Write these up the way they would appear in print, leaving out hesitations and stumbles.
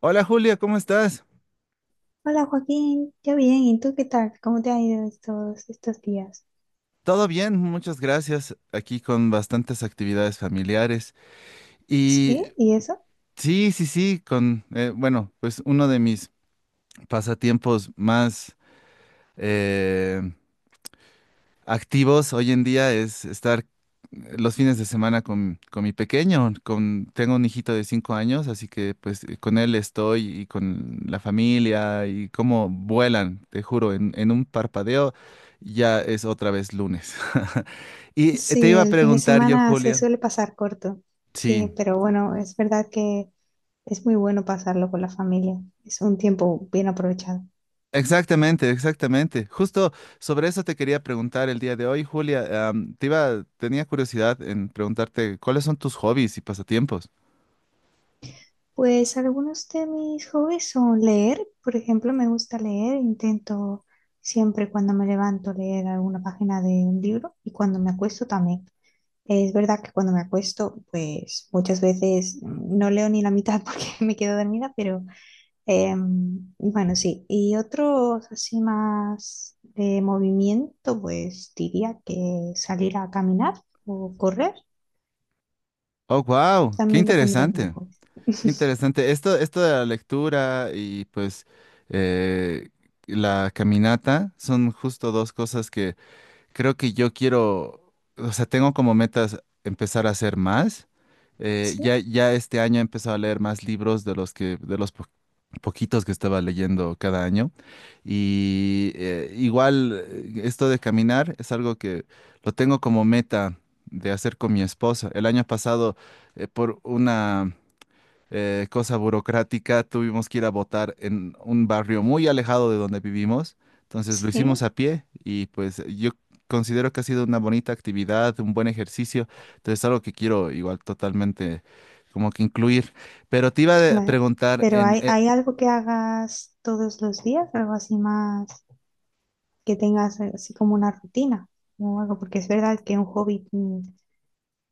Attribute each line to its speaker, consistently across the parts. Speaker 1: Hola Julia, ¿cómo estás?
Speaker 2: Hola Joaquín, yo bien, ¿y tú qué tal? ¿Cómo te ha ido estos días?
Speaker 1: Todo bien, muchas gracias. Aquí con bastantes actividades familiares.
Speaker 2: ¿Sí?
Speaker 1: Y
Speaker 2: ¿Y eso?
Speaker 1: sí, sí, sí, con, bueno, pues uno de mis pasatiempos más eh, activos hoy en día es estar los fines de semana con mi pequeño, con, tengo un hijito de 5 años, así que pues con él estoy y con la familia y cómo vuelan, te juro, en un parpadeo ya es otra vez lunes. Y te
Speaker 2: Sí,
Speaker 1: iba a
Speaker 2: el fin de
Speaker 1: preguntar yo,
Speaker 2: semana se
Speaker 1: Julia.
Speaker 2: suele pasar corto,
Speaker 1: Sí,
Speaker 2: sí, pero bueno, es verdad que es muy bueno pasarlo con la familia, es un tiempo bien aprovechado.
Speaker 1: exactamente, exactamente. Justo sobre eso te quería preguntar el día de hoy, Julia. Tenía curiosidad en preguntarte cuáles son tus hobbies y pasatiempos.
Speaker 2: Pues algunos de mis hobbies son leer, por ejemplo, me gusta leer, intento siempre cuando me levanto leer alguna página de un libro y cuando me acuesto también. Es verdad que cuando me acuesto, pues muchas veces no leo ni la mitad porque me quedo dormida, pero bueno, sí. Y otros así más de movimiento, pues diría que salir a caminar o correr,
Speaker 1: Oh, wow, qué
Speaker 2: también lo pondría como
Speaker 1: interesante,
Speaker 2: hobby.
Speaker 1: qué interesante. Esto de la lectura y pues eh, la caminata son justo dos cosas que creo que yo quiero, o sea, tengo como metas empezar a hacer más.
Speaker 2: Sí,
Speaker 1: Ya este año he empezado a leer más libros de los poquitos que estaba leyendo cada año. Y igual esto de caminar es algo que lo tengo como meta de hacer con mi esposa. El año pasado, por una cosa burocrática, tuvimos que ir a votar en un barrio muy alejado de donde vivimos. Entonces lo
Speaker 2: sí,
Speaker 1: hicimos a pie y pues yo considero que ha sido una bonita actividad, un buen ejercicio. Entonces es algo que quiero igual totalmente como que incluir. Pero te iba a
Speaker 2: claro.
Speaker 1: preguntar,
Speaker 2: Pero ¿hay, hay algo que hagas todos los días? Algo así más que tengas así como una rutina o algo, porque es verdad que un hobby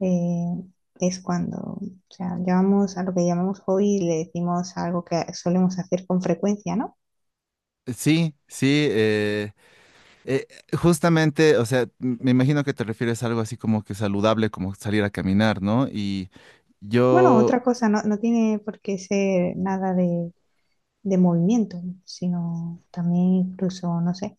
Speaker 2: eh, es cuando, o sea, llamamos a lo que llamamos hobby, le decimos algo que solemos hacer con frecuencia, ¿no?
Speaker 1: Sí, sí, eh, justamente, o sea, me imagino que te refieres a algo así como que saludable, como salir a caminar, ¿no? Y
Speaker 2: Bueno,
Speaker 1: yo
Speaker 2: otra cosa, no, no tiene por qué ser nada de movimiento, sino también incluso, no sé,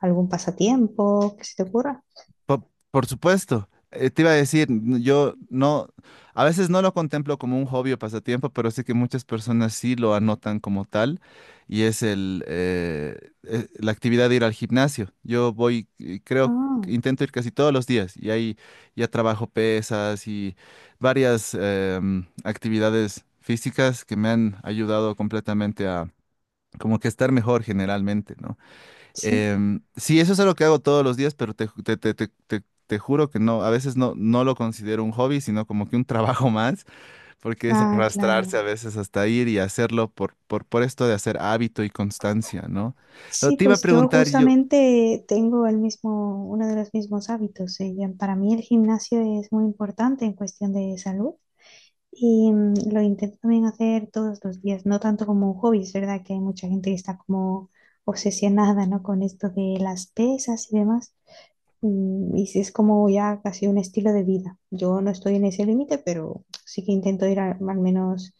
Speaker 2: algún pasatiempo que se te ocurra.
Speaker 1: Por supuesto. Te iba a decir, yo no, a veces no lo contemplo como un hobby o pasatiempo, pero sé que muchas personas sí lo anotan como tal y es la actividad de ir al gimnasio. Yo voy, creo
Speaker 2: Ah,
Speaker 1: que intento ir casi todos los días y ahí ya trabajo pesas y varias actividades físicas que me han ayudado completamente a como que estar mejor generalmente, ¿no?
Speaker 2: sí,
Speaker 1: Sí, eso es algo que hago todos los días, pero te, ju- te- te juro que no, a veces no, no lo considero un hobby, sino como que un trabajo más, porque es
Speaker 2: ah,
Speaker 1: arrastrarse a
Speaker 2: claro.
Speaker 1: veces hasta ir y hacerlo por, por esto de hacer hábito y constancia, ¿no? Pero
Speaker 2: Sí,
Speaker 1: te iba a
Speaker 2: pues yo
Speaker 1: preguntar, yo,
Speaker 2: justamente tengo el mismo, uno de los mismos hábitos. Eh, ya para mí el gimnasio es muy importante en cuestión de salud. Y lo intento también hacer todos los días, no tanto como un hobby, es verdad que hay mucha gente que está como obsesionada, ¿no? Con esto de las pesas y demás. Y sí es como ya casi un estilo de vida. Yo no estoy en ese límite, pero sí que intento ir al menos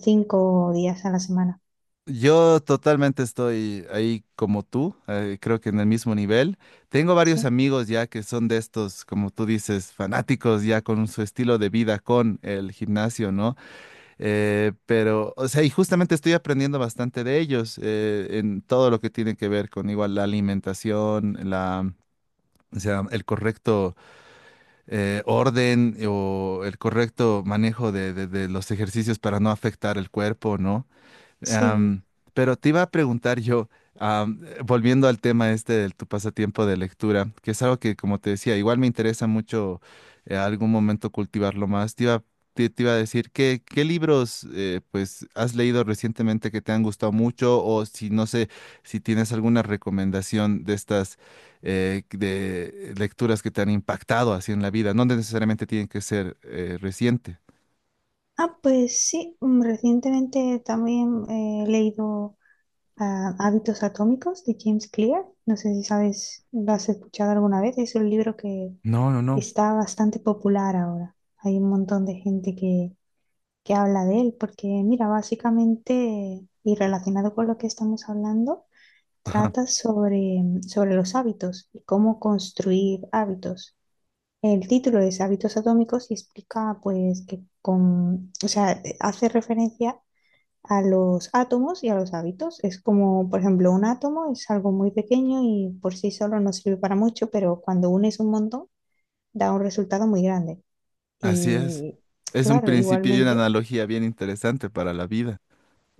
Speaker 2: cinco días a la semana.
Speaker 1: yo totalmente estoy ahí como tú, creo que en el mismo nivel. Tengo varios
Speaker 2: Sí,
Speaker 1: amigos ya que son de estos, como tú dices, fanáticos ya con su estilo de vida, con el gimnasio, ¿no? Pero, o sea, y justamente estoy aprendiendo bastante de ellos en todo lo que tiene que ver con igual la alimentación, la, o sea, el correcto orden o el correcto manejo de los ejercicios para no afectar el cuerpo, ¿no?
Speaker 2: sí.
Speaker 1: Am, pero te iba a preguntar yo, volviendo al tema este de tu pasatiempo de lectura, que es algo que, como te decía, igual me interesa mucho algún momento cultivarlo más. Te iba a decir, ¿qué, qué libros pues has leído recientemente que te han gustado mucho? O si no sé, si tienes alguna recomendación de estas de lecturas que te han impactado así en la vida. No necesariamente tienen que ser reciente.
Speaker 2: Ah, pues sí, recientemente también he leído a Hábitos Atómicos de James Clear. No sé si sabes, lo has escuchado alguna vez. Es un libro
Speaker 1: No, no,
Speaker 2: que
Speaker 1: no.
Speaker 2: está bastante popular ahora. Hay un montón de gente que habla de él porque, mira, básicamente, y relacionado con lo que estamos hablando, trata sobre los hábitos y cómo construir hábitos. El título es Hábitos Atómicos y explica, pues, que con, o sea, hace referencia a los átomos y a los hábitos. Es como, por ejemplo, un átomo es algo muy pequeño y por sí solo no sirve para mucho, pero cuando unes un montón da un resultado muy grande.
Speaker 1: Así es.
Speaker 2: Y
Speaker 1: Es un
Speaker 2: claro,
Speaker 1: principio y una
Speaker 2: igualmente,
Speaker 1: analogía bien interesante para la vida.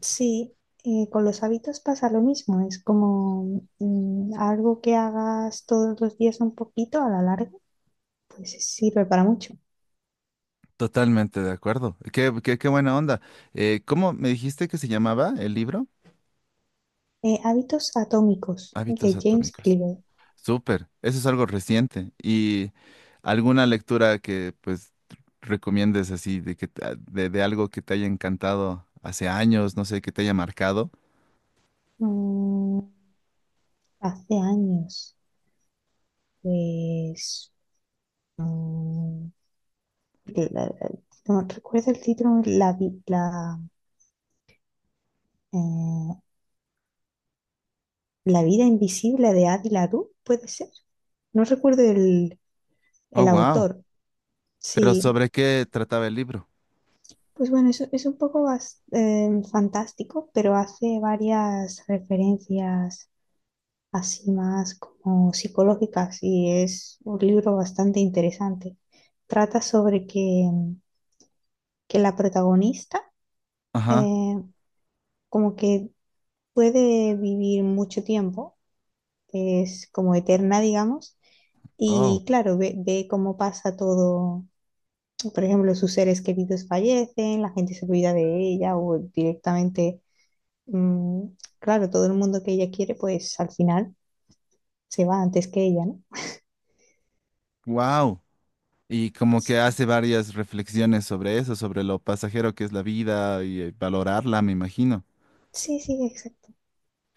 Speaker 2: sí, con los hábitos pasa lo mismo. Es como algo que hagas todos los días un poquito a la larga, pues sirve para mucho.
Speaker 1: Totalmente de acuerdo. Qué, qué, qué buena onda. ¿Cómo me dijiste que se llamaba el libro?
Speaker 2: Hábitos Atómicos
Speaker 1: Hábitos
Speaker 2: de James
Speaker 1: atómicos.
Speaker 2: Clear.
Speaker 1: Súper. Eso es algo reciente. ¿Y alguna lectura que pues recomiendes así de que de algo que te haya encantado hace años, no sé, que te haya marcado?
Speaker 2: Mm, hace años, pues... mm, que la- no recuerdo el título, eh, La vida invisible de Adi LaRue, puede ser. No recuerdo
Speaker 1: Oh,
Speaker 2: el
Speaker 1: wow.
Speaker 2: autor.
Speaker 1: Pero
Speaker 2: Sí,
Speaker 1: ¿sobre qué trataba el libro?
Speaker 2: pues bueno, es un poco fantástico, pero hace varias referencias así más como psicológicas y es un libro bastante interesante. Trata sobre que la protagonista
Speaker 1: Ajá.
Speaker 2: eh, como que puede vivir mucho tiempo, es como eterna, digamos,
Speaker 1: Oh,
Speaker 2: y claro, ve cómo pasa todo, por ejemplo, sus seres queridos fallecen, la gente se olvida de ella o directamente, mm, claro, todo el mundo que ella quiere, pues al final se va antes que ella, ¿no?
Speaker 1: wow. Y como que
Speaker 2: Sí,
Speaker 1: hace varias reflexiones sobre eso, sobre lo pasajero que es la vida y valorarla, me imagino.
Speaker 2: sí, sí, exacto.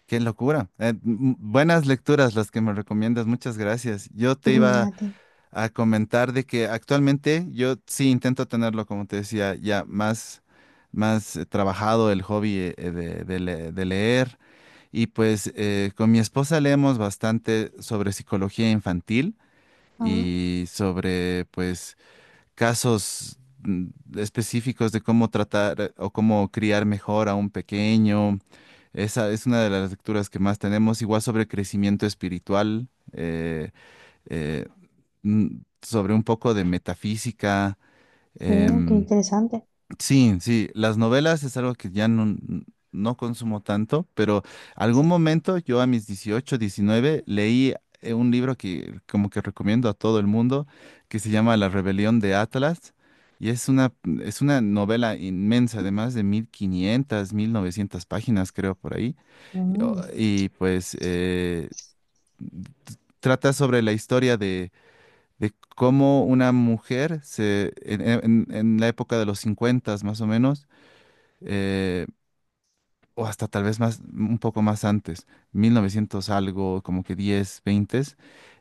Speaker 1: Qué locura. Buenas lecturas las que me recomiendas, muchas gracias. Yo te
Speaker 2: Mm,
Speaker 1: iba
Speaker 2: a ti.
Speaker 1: a comentar de que actualmente yo sí intento tenerlo, como te decía, más trabajado el hobby de leer. Y pues con mi esposa leemos bastante sobre psicología infantil
Speaker 2: Ah,
Speaker 1: y sobre pues casos mm, específicos de cómo tratar o cómo criar mejor a un pequeño. Esa es una de las lecturas que más tenemos, igual sobre crecimiento espiritual, eh, eh, sobre un poco de metafísica.
Speaker 2: qué
Speaker 1: em,
Speaker 2: interesante.
Speaker 1: Sí, sí, las novelas es algo que ya no, no consumo tanto, pero algún
Speaker 2: Sí,
Speaker 1: momento yo a mis 18, 19 leí un libro que como que recomiendo a todo el mundo que se llama La Rebelión de Atlas, y es una novela inmensa de más de 1500, mil 1900 páginas creo por ahí.
Speaker 2: mm,
Speaker 1: Pues t- trata sobre la historia de cómo una mujer se, en la época de los 50 más o menos eh, o hasta tal vez más, un poco más antes, 1900 algo, como que 10 20,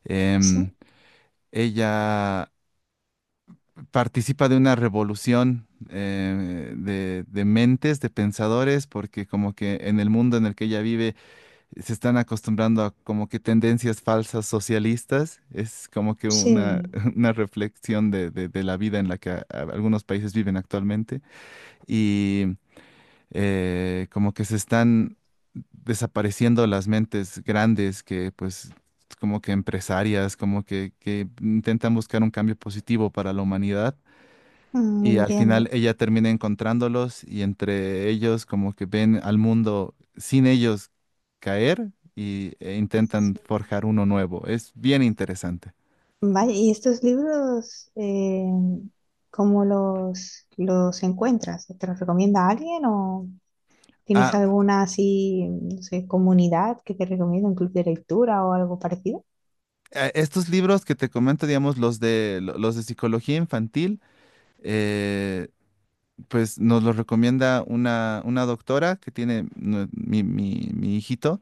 Speaker 1: em,
Speaker 2: sí,
Speaker 1: ella participa de una revolución de mentes, de pensadores, porque como que en el mundo en el que ella vive se están acostumbrando a como que tendencias falsas socialistas, es como que una,
Speaker 2: sí,
Speaker 1: una reflexión de de la vida en la que algunos países viven actualmente. Como que se están desapareciendo las mentes grandes que pues como que empresarias, que intentan buscar un cambio positivo para la humanidad,
Speaker 2: mm,
Speaker 1: y al final
Speaker 2: entiendo.
Speaker 1: ella termina encontrándolos y entre ellos como que ven al mundo sin ellos caer, e intentan
Speaker 2: Sí.
Speaker 1: forjar uno nuevo. Es bien interesante.
Speaker 2: Vaya, ¿y estos libros cómo los encuentras? ¿Te los recomienda alguien o tienes
Speaker 1: Ah,
Speaker 2: alguna así, no sé, comunidad que te recomienda, un club de lectura o algo parecido?
Speaker 1: estos libros que te comento, digamos, los de psicología infantil, eh, pues nos lo recomienda una doctora que tiene mi hijito.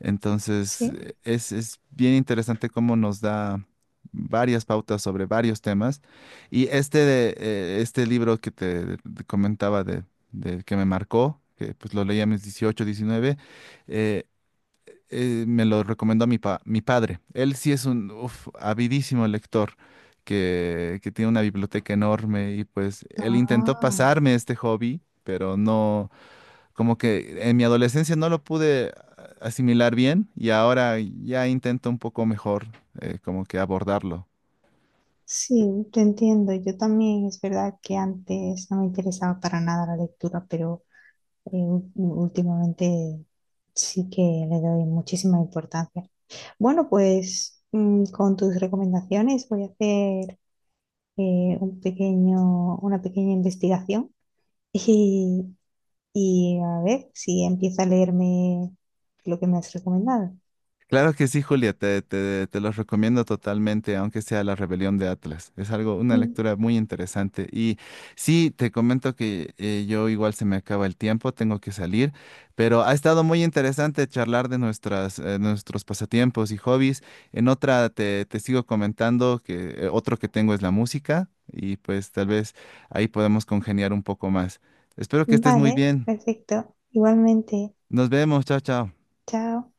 Speaker 1: Entonces,
Speaker 2: Sí.
Speaker 1: es bien interesante cómo nos da varias pautas sobre varios temas. Y este, este libro que comentaba del que me marcó, que pues lo leí a mis 18 19 eh, me lo recomendó mi padre. Él sí es un uf, avidísimo lector que tiene una biblioteca enorme y pues él intentó
Speaker 2: Ah,
Speaker 1: pasarme este hobby, pero no, como que en mi adolescencia no lo pude asimilar bien y ahora ya intento un poco mejor como que abordarlo.
Speaker 2: sí, te entiendo. Yo también es verdad que antes no me interesaba para nada la lectura, pero últimamente sí que le doy muchísima importancia. Bueno, pues con tus recomendaciones voy a hacer un pequeño, una pequeña investigación y, y a ver si empieza a leerme lo que me has recomendado.
Speaker 1: Claro que sí, Julia, te los recomiendo totalmente, aunque sea La Rebelión de Atlas. Es algo, una
Speaker 2: Mm,
Speaker 1: lectura muy interesante. Y sí, te comento que yo igual se me acaba el tiempo, tengo que salir, pero ha estado muy interesante charlar de nuestras, nuestros pasatiempos y hobbies. En otra te sigo comentando que otro que tengo es la música y pues tal vez ahí podemos congeniar un poco más. Espero que estés muy
Speaker 2: vale,
Speaker 1: bien.
Speaker 2: perfecto. Igualmente,
Speaker 1: Nos vemos, chao, chao.
Speaker 2: chao.